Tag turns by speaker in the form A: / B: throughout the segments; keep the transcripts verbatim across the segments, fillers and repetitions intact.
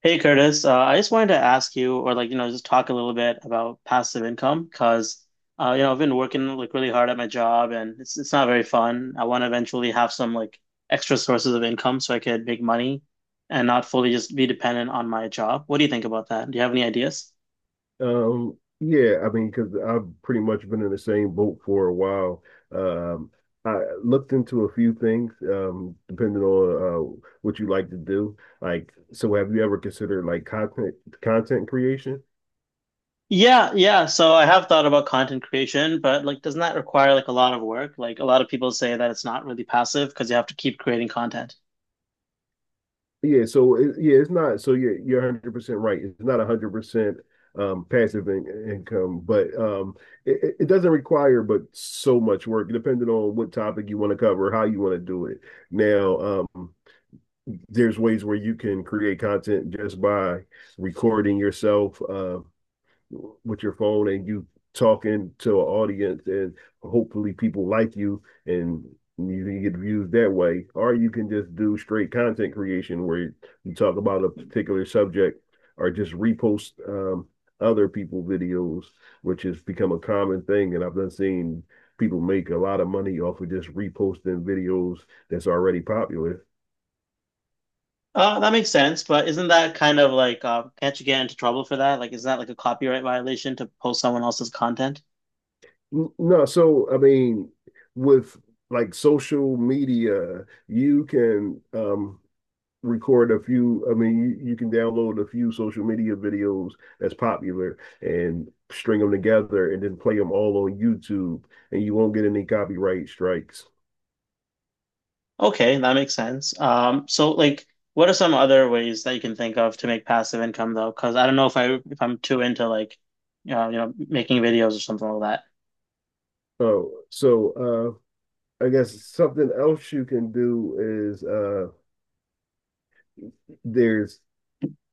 A: Hey Curtis, uh, I just wanted to ask you, or like, you know, just talk a little bit about passive income because, uh, you know, I've been working like really hard at my job and it's it's not very fun. I want to eventually have some like extra sources of income so I could make money and not fully just be dependent on my job. What do you think about that? Do you have any ideas?
B: Um, yeah, I mean, because I've pretty much been in the same boat for a while. Um, I looked into a few things, um, depending on uh, what you like to do. Like, so have you ever considered like content content creation?
A: Yeah, yeah. So I have thought about content creation, but like, doesn't that require like a lot of work? Like, a lot of people say that it's not really passive because you have to keep creating content.
B: Yeah, so it, yeah, it's not. So you're you're a hundred percent right. It's not a hundred percent um, passive in, income, but um, it, it it doesn't require but so much work, depending on what topic you want to cover, how you want to do it. Now, um, there's ways where you can create content just by recording yourself uh, with your phone and you talking to an audience and hopefully people like you and you can get views that way, or you can just do straight content creation where you talk about a particular subject or just repost um, other people videos, which has become a common thing. And I've been seeing people make a lot of money off of just reposting videos that's already popular.
A: Uh, that makes sense, but isn't that kind of like, uh, can't you get into trouble for that? Like, is that like a copyright violation to post someone else's content?
B: No, so I mean, with like social media, you can um record a few. I mean, you, you can download a few social media videos that's popular and string them together and then play them all on YouTube, and you won't get any copyright strikes.
A: Okay, that makes sense. Um, so like, what are some other ways that you can think of to make passive income though? Because I don't know if I if I'm too into like, you know, you know, making videos or something like that.
B: Oh, so uh I guess something else you can do is uh there's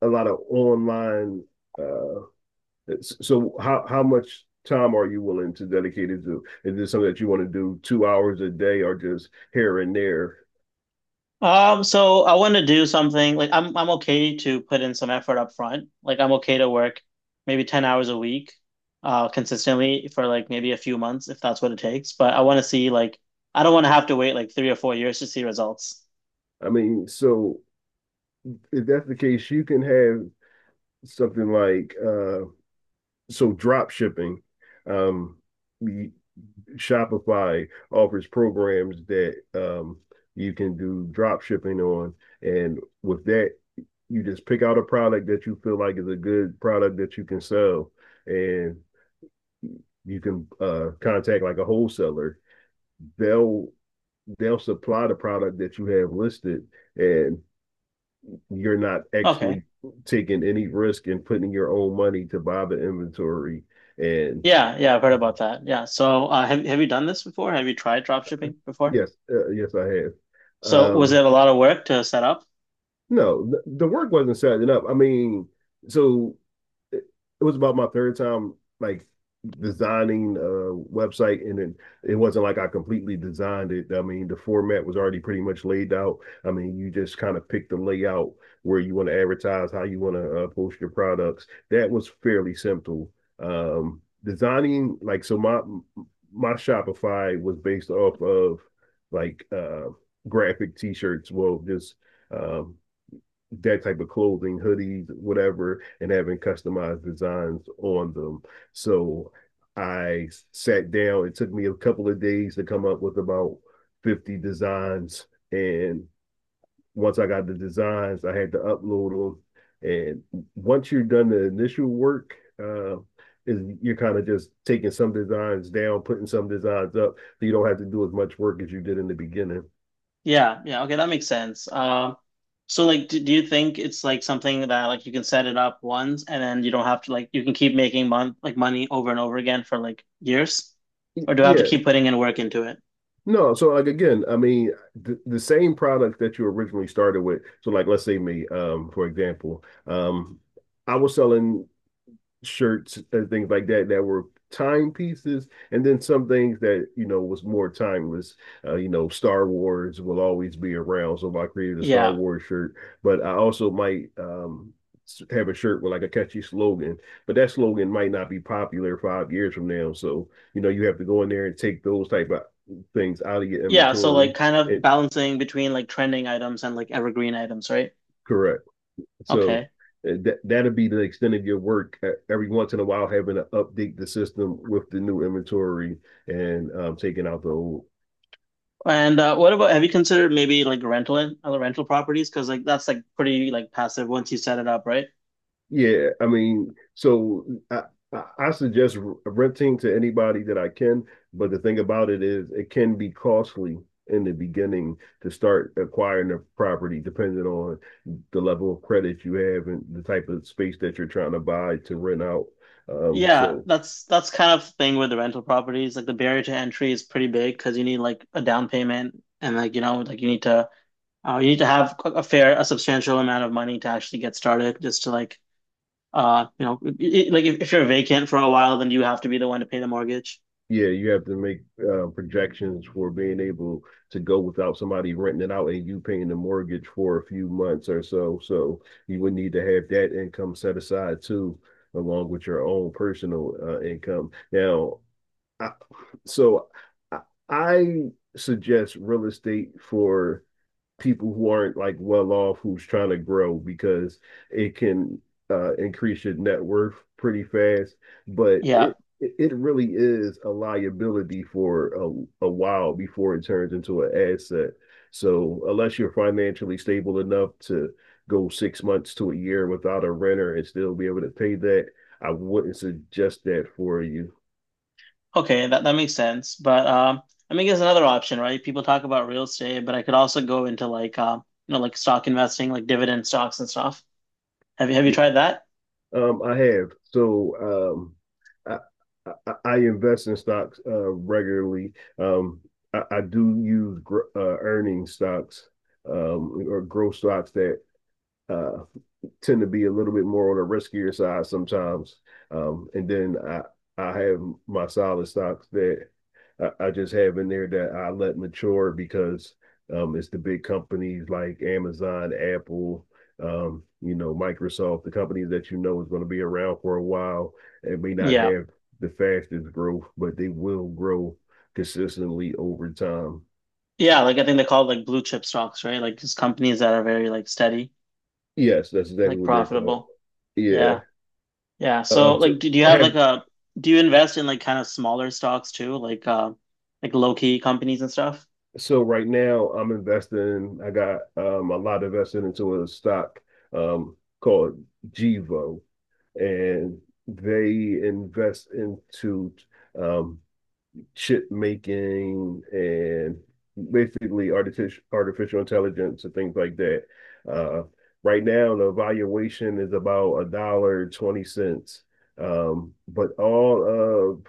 B: a lot of online uh so how how much time are you willing to dedicate it to? Is this something that you want to do two hours a day or just here and there?
A: Um, so I want to do something like I'm I'm okay to put in some effort up front. Like I'm okay to work maybe ten hours a week uh consistently for like maybe a few months if that's what it takes. But I want to see like I don't want to have to wait like three or four years to see results.
B: I mean, so if that's the case, you can have something like uh, so drop shipping. Um, Shopify offers programs that um, you can do drop shipping on, and with that, you just pick out a product that you feel like is a good product that you can sell, and you can uh, contact like a wholesaler. They'll they'll supply the product that you have listed, and you're not actually
A: Okay.
B: taking any risk and putting your own money to buy the inventory. And
A: Yeah, yeah, I've heard about that. Yeah. So uh have have you done this before? Have you tried drop shipping before?
B: yes, uh, yes, I have.
A: So was it
B: Um,
A: a lot of work to set up?
B: No, the, the work wasn't setting up. I mean, so it, it was about my third time like designing a website, and then it wasn't like I completely designed it. I mean, the format was already pretty much laid out. I mean, you just kind of pick the layout, where you want to advertise, how you want to uh, post your products. That was fairly simple. Um, designing, like, so my my Shopify was based off of like uh graphic t-shirts, well just um that type of clothing, hoodies, whatever, and having customized designs on them. So I sat down. It took me a couple of days to come up with about fifty designs. And once I got the designs, I had to upload them. And once you're done the initial work, uh, is you're kind of just taking some designs down, putting some designs up, so you don't have to do as much work as you did in the beginning.
A: Yeah, yeah, okay, that makes sense. Uh, So like do, do you think it's like something that like you can set it up once and then you don't have to like you can keep making month like money over and over again for like years? Or do I have to
B: Yeah,
A: keep putting in work into it?
B: no, so like again, I mean, the, the same product that you originally started with. So like, let's say me, um, for example, um, I was selling shirts and things like that that were timepieces, and then some things that you know was more timeless. Uh, you know, Star Wars will always be around, so I created a Star
A: Yeah.
B: Wars shirt. But I also might um, have a shirt with like a catchy slogan, but that slogan might not be popular five years from now. So you know, you have to go in there and take those type of things out of your
A: Yeah, so like
B: inventory.
A: kind of
B: And
A: balancing between like trending items and like evergreen items, right?
B: correct. So
A: Okay.
B: uh, that that'll be the extent of your work. Uh, Every once in a while, having to update the system with the new inventory and um, taking out the old.
A: And uh, what about have you considered maybe like rental in other rental properties? Because like that's like pretty like passive once you set it up, right?
B: Yeah, I mean, so I I suggest renting to anybody that I can. But the thing about it is, it can be costly in the beginning to start acquiring a property, depending on the level of credit you have and the type of space that you're trying to buy to rent out. Um,
A: Yeah,
B: so
A: that's that's kind of the thing with the rental properties. Like the barrier to entry is pretty big because you need like a down payment and like you know like you need to uh, you need to have a fair a substantial amount of money to actually get started just to like uh you know i- i- like if, if you're vacant for a while then you have to be the one to pay the mortgage.
B: yeah, you have to make uh, projections for being able to go without somebody renting it out and you paying the mortgage for a few months or so. So you would need to have that income set aside too, along with your own personal uh, income. Now, I, so I, I suggest real estate for people who aren't like well off, who's trying to grow, because it can uh, increase your net worth pretty fast. But
A: Yeah.
B: it it really is a liability for a, a while before it turns into an asset. So unless you're financially stable enough to go six months to a year without a renter and still be able to pay that, I wouldn't suggest that for you.
A: Okay, that that makes sense. But um I mean, there's another option, right? People talk about real estate, but I could also go into like um you know like stock investing, like dividend stocks and stuff. Have you have you tried that?
B: Um, I have. So um, I, I, I invest in stocks uh, regularly. Um, I, I do use gr- uh, earning stocks, um, or growth stocks, that uh, tend to be a little bit more on the riskier side sometimes. Um, and then I I have my solid stocks that I, I just have in there that I let mature, because um, it's the big companies like Amazon, Apple, um, you know, Microsoft, the companies that you know is going to be around for a while and may not
A: Yeah.
B: have the fastest growth, but they will grow consistently over time.
A: Yeah, like I think they call it like blue chip stocks, right? Like just companies that are very like steady,
B: Yes, that's exactly
A: like
B: what they're called.
A: profitable.
B: Yeah.
A: Yeah. Yeah. So
B: Um, so
A: like do, do you have like
B: have
A: a do you invest in like kind of smaller stocks too? Like uh like low key companies and stuff?
B: So right now I'm investing. I got um a lot invested into a stock um called Gevo, and they invest into um chip making and basically artificial artificial intelligence and things like that. Uh, right now the valuation is about a dollar twenty cents. Um, but all of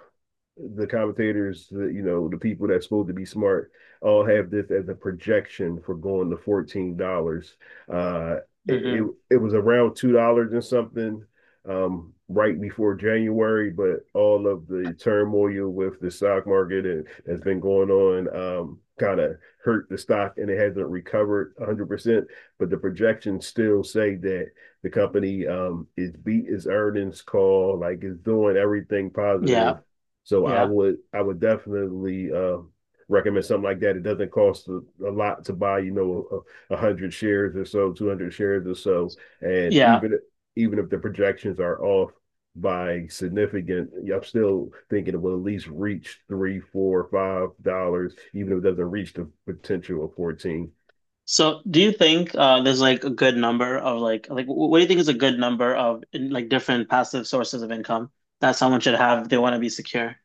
B: the commentators, the, you know, the people that's supposed to be smart, all have this as a projection for going to fourteen dollars. Uh, it, it
A: hmm
B: it was around two dollars and something, um, right before January, but all of the turmoil with the stock market and has been going on um, kind of hurt the stock, and it hasn't recovered a hundred percent. But the projections still say that the company um, is beat its earnings call, like it's doing everything
A: Yeah.
B: positive. So I
A: Yeah.
B: would I would definitely uh, recommend something like that. It doesn't cost a, a lot to buy, you know, a, a hundred shares or so, two hundred shares or so, and
A: Yeah.
B: even even if the projections are off by significant, I'm still thinking it will at least reach three, four, five dollars, even if it doesn't reach the potential of fourteen.
A: So do you think uh there's like a good number of like like wh- what do you think is a good number of in, like different passive sources of income that someone should have if they want to be secure?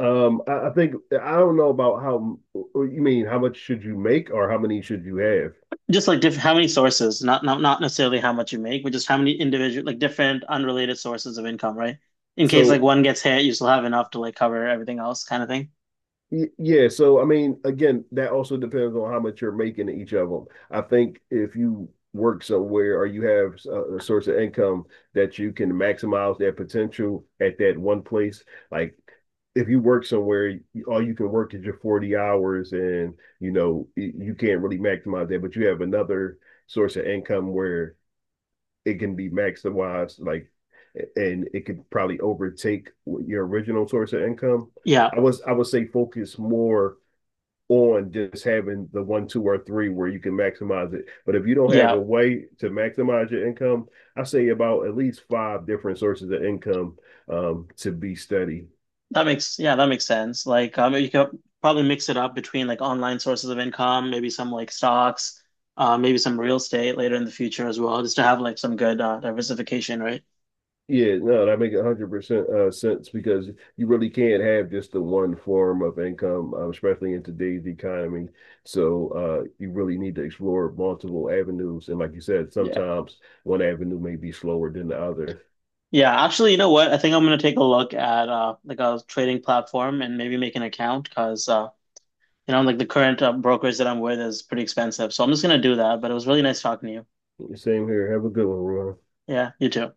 B: Um, I, I think I don't know about how you mean. How much should you make, or how many should you have?
A: Just like diff how many sources, not not not necessarily how much you make, but just how many individual like different unrelated sources of income, right? In case like
B: So
A: one gets hit, you still have enough to like cover everything else kind of thing.
B: Yeah, so I mean, again, that also depends on how much you're making in each of them. I think if you work somewhere, or you have a, a source of income that you can maximize that potential at that one place, like if you work somewhere, you- all you can work is your forty hours, and you know y- you can't really maximize that, but you have another source of income where it can be maximized, like, and it could probably overtake your original source of income.
A: Yeah.
B: I was I would say focus more on just having the one, two, or three where you can maximize it. But if you don't have
A: Yeah.
B: a way to maximize your income, I say about at least five different sources of income, um, to be studied.
A: That makes yeah, that makes sense. Like um you could probably mix it up between like online sources of income, maybe some like stocks, uh maybe some real estate later in the future as well, just to have like some good uh, diversification, right?
B: Yeah, no, that makes a hundred percent uh sense, because you really can't have just the one form of income, um, especially in today's economy. So uh you really need to explore multiple avenues. And like you said,
A: Yeah.
B: sometimes one avenue may be slower than the other.
A: Yeah, actually, you know what? I think I'm gonna take a look at uh like a trading platform and maybe make an account because uh you know, like the current uh, brokers that I'm with is pretty expensive. So I'm just gonna do that. But it was really nice talking to you.
B: Same here. Have a good one, Ron.
A: Yeah, you too.